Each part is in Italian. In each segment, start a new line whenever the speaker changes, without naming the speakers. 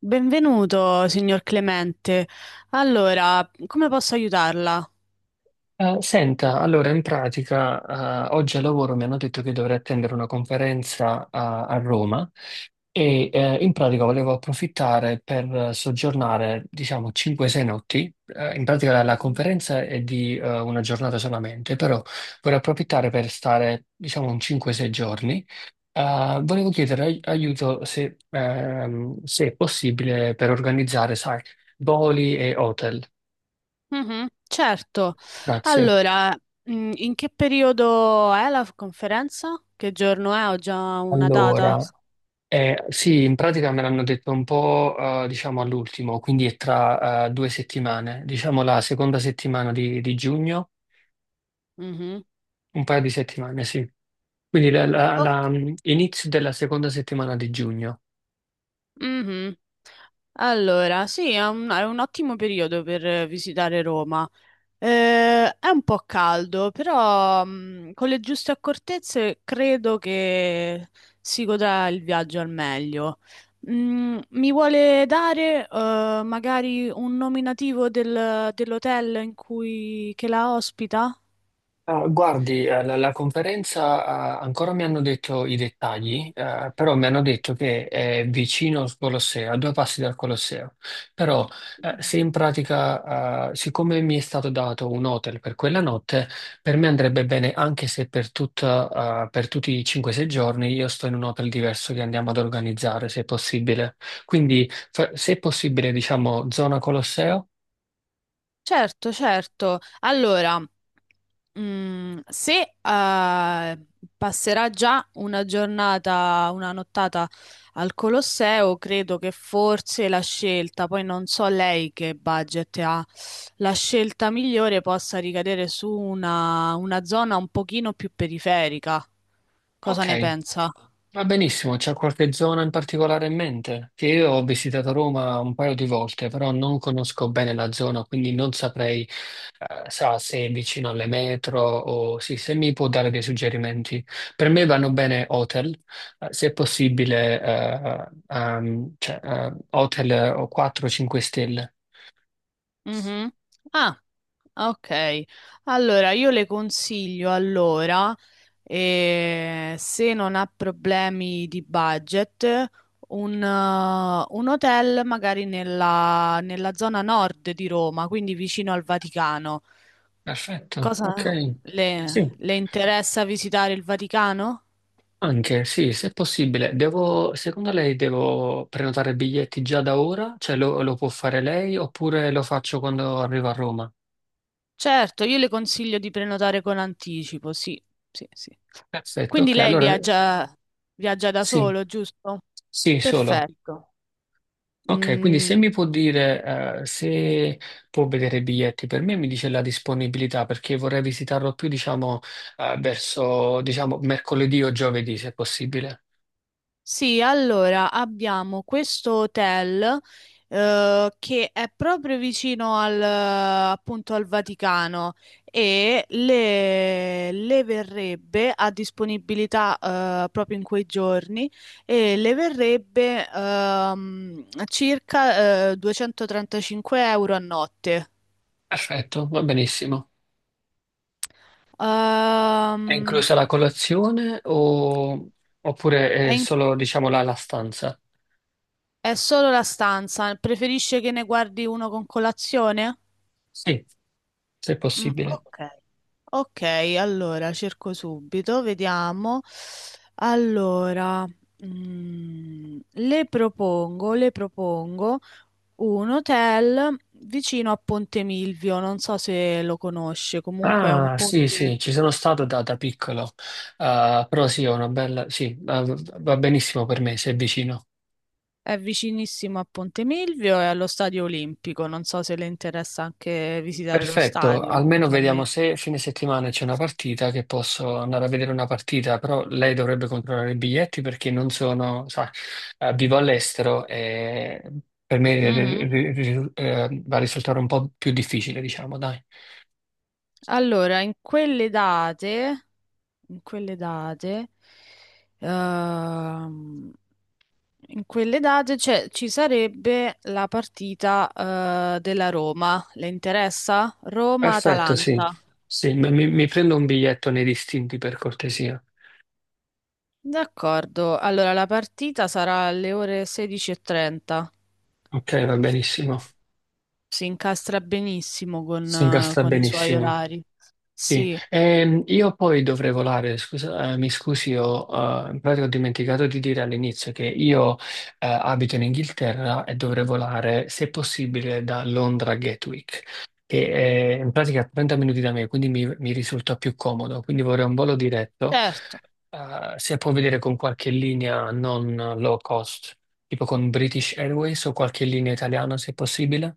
Benvenuto, signor Clemente. Allora, come posso aiutarla?
Senta, allora in pratica oggi al lavoro mi hanno detto che dovrei attendere una conferenza a Roma e in pratica volevo approfittare per soggiornare diciamo 5-6 notti. In pratica la conferenza è di una giornata solamente, però vorrei approfittare per stare diciamo un 5-6 giorni. Volevo chiedere aiuto se, se è possibile per organizzare, sai, voli e hotel.
Mhm, certo.
Grazie.
Allora, in che periodo è la conferenza? Che giorno è? Ho già una data.
Allora. Sì, in pratica me l'hanno detto un po', diciamo, all'ultimo, quindi è tra 2 settimane, diciamo la seconda settimana di giugno,
Mhm.
un paio di settimane, sì. Quindi
Ok.
inizio della seconda settimana di giugno.
Mhm. Allora, sì, è un ottimo periodo per visitare Roma. È un po' caldo, però con le giuste accortezze credo che si godrà il viaggio al meglio. Mi vuole dare magari un nominativo dell'hotel in cui che la ospita?
Ah, guardi, la conferenza, ah, ancora mi hanno detto i dettagli, però mi hanno detto che è vicino al Colosseo, a due passi dal Colosseo. Però, se in pratica, siccome mi è stato dato un hotel per quella notte, per me andrebbe bene anche se per tutta, per tutti i 5-6 giorni io sto in un hotel diverso che andiamo ad organizzare, se possibile. Quindi, se è possibile, diciamo, zona Colosseo,
Certo, certo. Allora, se passerà già una giornata, una nottata al Colosseo, credo che forse la scelta, poi non so lei che budget ha, la scelta migliore possa ricadere su una zona un pochino più periferica. Cosa ne
ok.
pensa?
Va benissimo, c'è qualche zona in particolare in mente? Che io ho visitato Roma un paio di volte, però non conosco bene la zona, quindi non saprei, sa, se è vicino alle metro o sì, se mi può dare dei suggerimenti. Per me vanno bene hotel, se è possibile, cioè, hotel o 4-5 stelle.
Mhm. Ah, ok. Allora, io le consiglio allora. E se non ha problemi di budget, un hotel magari nella zona nord di Roma, quindi vicino al Vaticano.
Perfetto,
Cosa
ok.
le,
Sì.
le interessa visitare il Vaticano?
Anche, sì, se è possibile. Devo, secondo lei devo prenotare biglietti già da ora? Cioè lo può fare lei oppure lo faccio quando arrivo a Roma?
Certo, io le consiglio di prenotare con anticipo, sì, sì, sì.
Perfetto,
Quindi
ok,
lei
allora
viaggia da
sì,
solo, giusto?
sì, solo.
Perfetto.
Ok, quindi
Mm,
se mi può dire, se può vedere i biglietti per me, mi dice la disponibilità perché vorrei visitarlo più, diciamo, verso, diciamo, mercoledì o giovedì, se possibile.
Sì, allora abbiamo questo hotel che è proprio vicino al, appunto, al Vaticano e le verrebbe a disponibilità proprio in quei giorni e le verrebbe circa 235 euro a notte.
Perfetto, va benissimo. È
Ehm,
inclusa la colazione o- oppure
è,
è
in-
solo, diciamo, la stanza?
è solo la stanza, preferisce che ne guardi uno con colazione?
Sì, se è
Mm,
possibile.
ok. Ok, allora cerco subito, vediamo. Allora, le propongo un hotel vicino a Ponte Milvio, non so se lo conosce, comunque è un
Ah, sì,
ponte,
sì, ci sono stato da piccolo, però sì, è una bella, sì, va benissimo per me, se è vicino.
è vicinissimo a Ponte Milvio e allo Stadio Olimpico, non so se le interessa anche visitare lo
Perfetto,
stadio
almeno vediamo
eventualmente.
se fine settimana c'è una partita che posso andare a vedere una partita, però lei dovrebbe controllare i biglietti perché non sono, sa, vivo all'estero e per me
Mhm.
va a risultare un po' più difficile, diciamo, dai.
Allora, in quelle date, in quelle date, ehm, in quelle date ci sarebbe la partita, della Roma. Le interessa?
Perfetto, sì.
Roma-Atalanta.
Sì, mi prendo un biglietto nei distinti per cortesia.
D'accordo. Allora, la partita sarà alle ore 16:30.
Ok, va benissimo.
Si incastra benissimo con,
Si
eh,
incastra
con i suoi
benissimo.
orari.
Sì,
Sì,
io poi dovrei volare, scusa, mi scusi, ho, in pratica ho dimenticato di dire all'inizio che io, abito in Inghilterra e dovrei volare, se possibile, da Londra a Gatwick, che è in pratica 30 minuti da me, quindi mi risulta più comodo, quindi vorrei un volo diretto,
certo.
se può vedere con qualche linea non low cost, tipo con British Airways o qualche linea italiana, se possibile.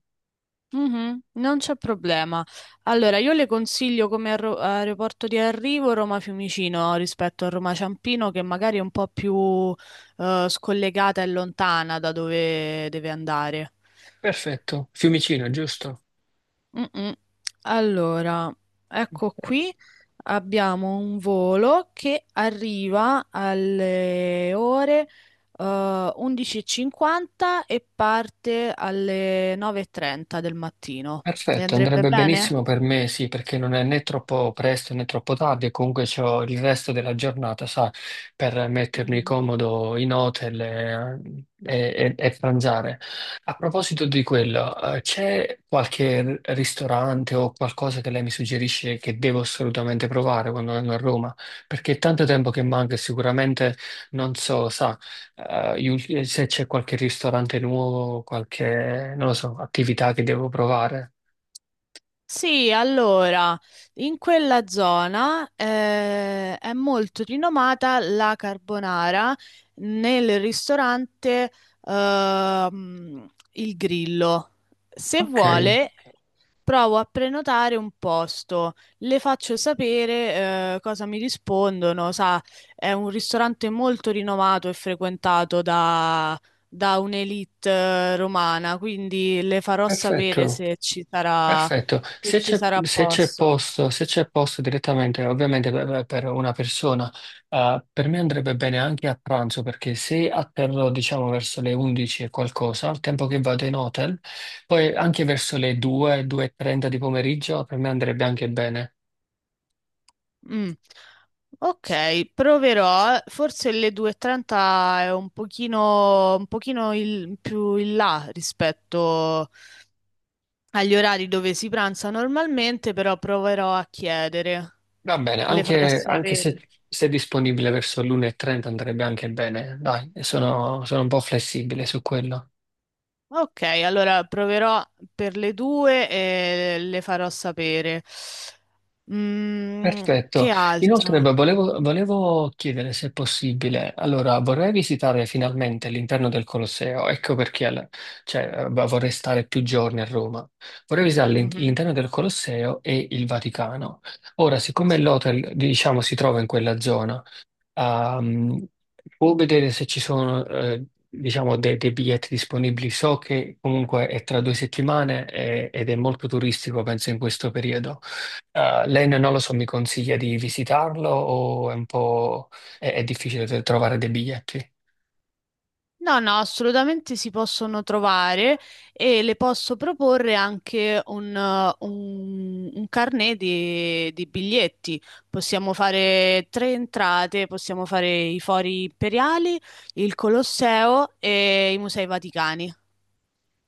Mhm, non c'è problema. Allora, io le consiglio come aeroporto di arrivo Roma Fiumicino rispetto a Roma Ciampino, che magari è un po' più scollegata e lontana da dove deve andare.
Perfetto, Fiumicino, giusto?
Mm-mm. Allora, ecco qui abbiamo un volo che arriva alle ore 11:50 e cinquanta e parte alle 9:30 del mattino. Le
Perfetto,
andrebbe
andrebbe benissimo
bene?
per me, sì, perché non è né troppo presto né troppo tardi e comunque ho il resto della giornata, sa, per mettermi comodo in hotel e pranzare. A proposito di quello, c'è qualche ristorante o qualcosa che lei mi suggerisce che devo assolutamente provare quando vengo a Roma? Perché è tanto tempo che manca e sicuramente non so, sa, se c'è qualche ristorante nuovo, qualche, non lo so, attività che devo provare.
Sì, allora, in quella zona è molto rinomata la carbonara nel ristorante Il Grillo. Se
Ok,
vuole, provo a prenotare un posto, le faccio sapere cosa mi rispondono. Sa, è un ristorante molto rinomato e frequentato da un'elite romana, quindi le farò sapere
perfetto,
se ci sarà
perfetto.
se
Se
ci
c'è
sarà
se c'è
posto.
posto, se c'è posto direttamente, ovviamente per una persona, per me andrebbe bene anche a pranzo, perché se atterrò, diciamo, verso le 11 e qualcosa, al tempo che vado in hotel, poi anche verso le 2, 2:30 di pomeriggio, per me andrebbe anche bene.
Mm. Ok, proverò. Forse le 2:30 è un pochino più in là rispetto agli orari dove si pranza normalmente, però proverò a chiedere.
Va bene,
Le farò
anche, anche se,
sapere.
se è disponibile verso l'1:30 andrebbe anche bene. Dai, sono un po' flessibile su quello.
Ok, allora proverò per le due e le farò sapere. Mm,
Perfetto.
che
Inoltre,
altro?
beh, volevo chiedere se è possibile. Allora, vorrei visitare finalmente l'interno del Colosseo. Ecco perché cioè, beh, vorrei stare più giorni a Roma. Vorrei visitare
Mhm,
l'interno del Colosseo e il Vaticano. Ora, siccome
Sì.
l'hotel, diciamo, si trova in quella zona, a può vedere se ci sono diciamo dei biglietti disponibili. So che comunque è tra 2 settimane ed è molto turistico, penso, in questo periodo. Lei non lo so, mi consiglia di visitarlo o è un po' è difficile trovare dei biglietti?
No, no, assolutamente si possono trovare e le posso proporre anche un carnet di biglietti. Possiamo fare tre entrate, possiamo fare i Fori Imperiali, il Colosseo e i Musei Vaticani.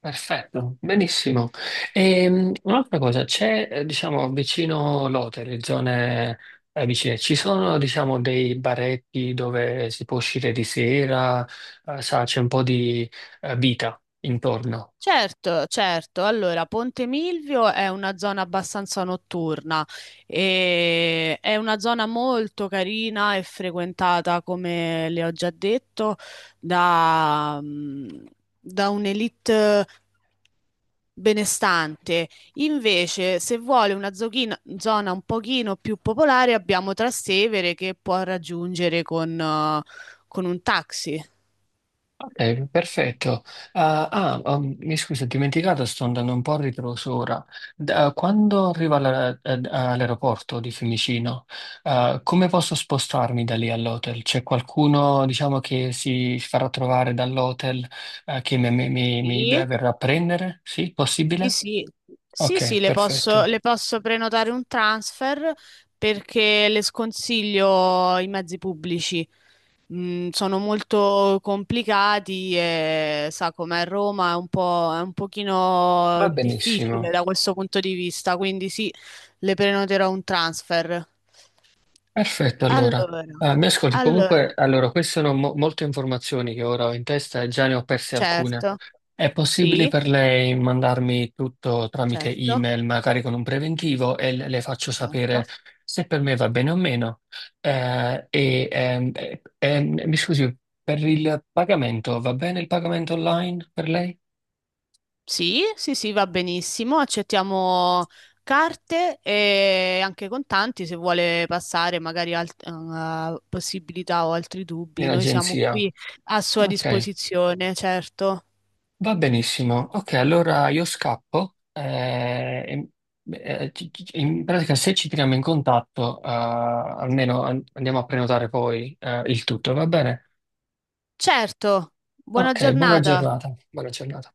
Perfetto, benissimo. Un'altra cosa, c'è, diciamo, vicino Lotte, le zone vicine, ci sono, diciamo, dei baretti dove si può uscire di sera, sa, c'è un po' di vita intorno.
Certo, certo. Allora, Ponte Milvio è una zona abbastanza notturna e è una zona molto carina e frequentata, come le ho già detto, da, mm, da un'elite benestante. Invece, se vuole una zona un pochino più popolare, abbiamo Trastevere che può raggiungere con un taxi.
Ok, perfetto. Ah, ah, mi scusa, ho dimenticato, sto andando un po' a ritroso ora. Quando arrivo all'aeroporto di Fiumicino, ah, come posso spostarmi da lì all'hotel? C'è qualcuno, diciamo, che si farà trovare dall'hotel, che mi
Sì.
verrà a prendere? Sì,
Sì,
possibile?
sì, sì, sì,
Ok,
le posso,
perfetto.
le posso prenotare un transfer perché le sconsiglio i mezzi pubblici. Sono molto complicati e sa com'è Roma, è un po', è un pochino
Va
difficile
benissimo.
da questo punto di vista, quindi sì, le prenoterò un transfer.
Perfetto, allora.
Allora,
Ah, mi ascolti, comunque,
allora,
allora, queste sono molte informazioni che ora ho in testa e già ne ho perse alcune.
certo,
È possibile
sì,
per lei mandarmi tutto tramite
certo,
email, magari con un preventivo, e le faccio sapere
certo.
se per me va bene o meno. Mi scusi, per il pagamento, va bene il pagamento online per lei?
Sì, sì, sì, va benissimo. Accettiamo carte e anche contanti se vuole passare magari possibilità o altri dubbi.
In
Noi siamo
agenzia?
qui a sua
Ok,
disposizione, certo.
va benissimo. Ok, allora io scappo. E- ci- ci- in pratica, se ci tiriamo in contatto, almeno andiamo a prenotare poi, il tutto, va bene?
Certo, buona
Ok, buona
giornata.
giornata. Buona giornata.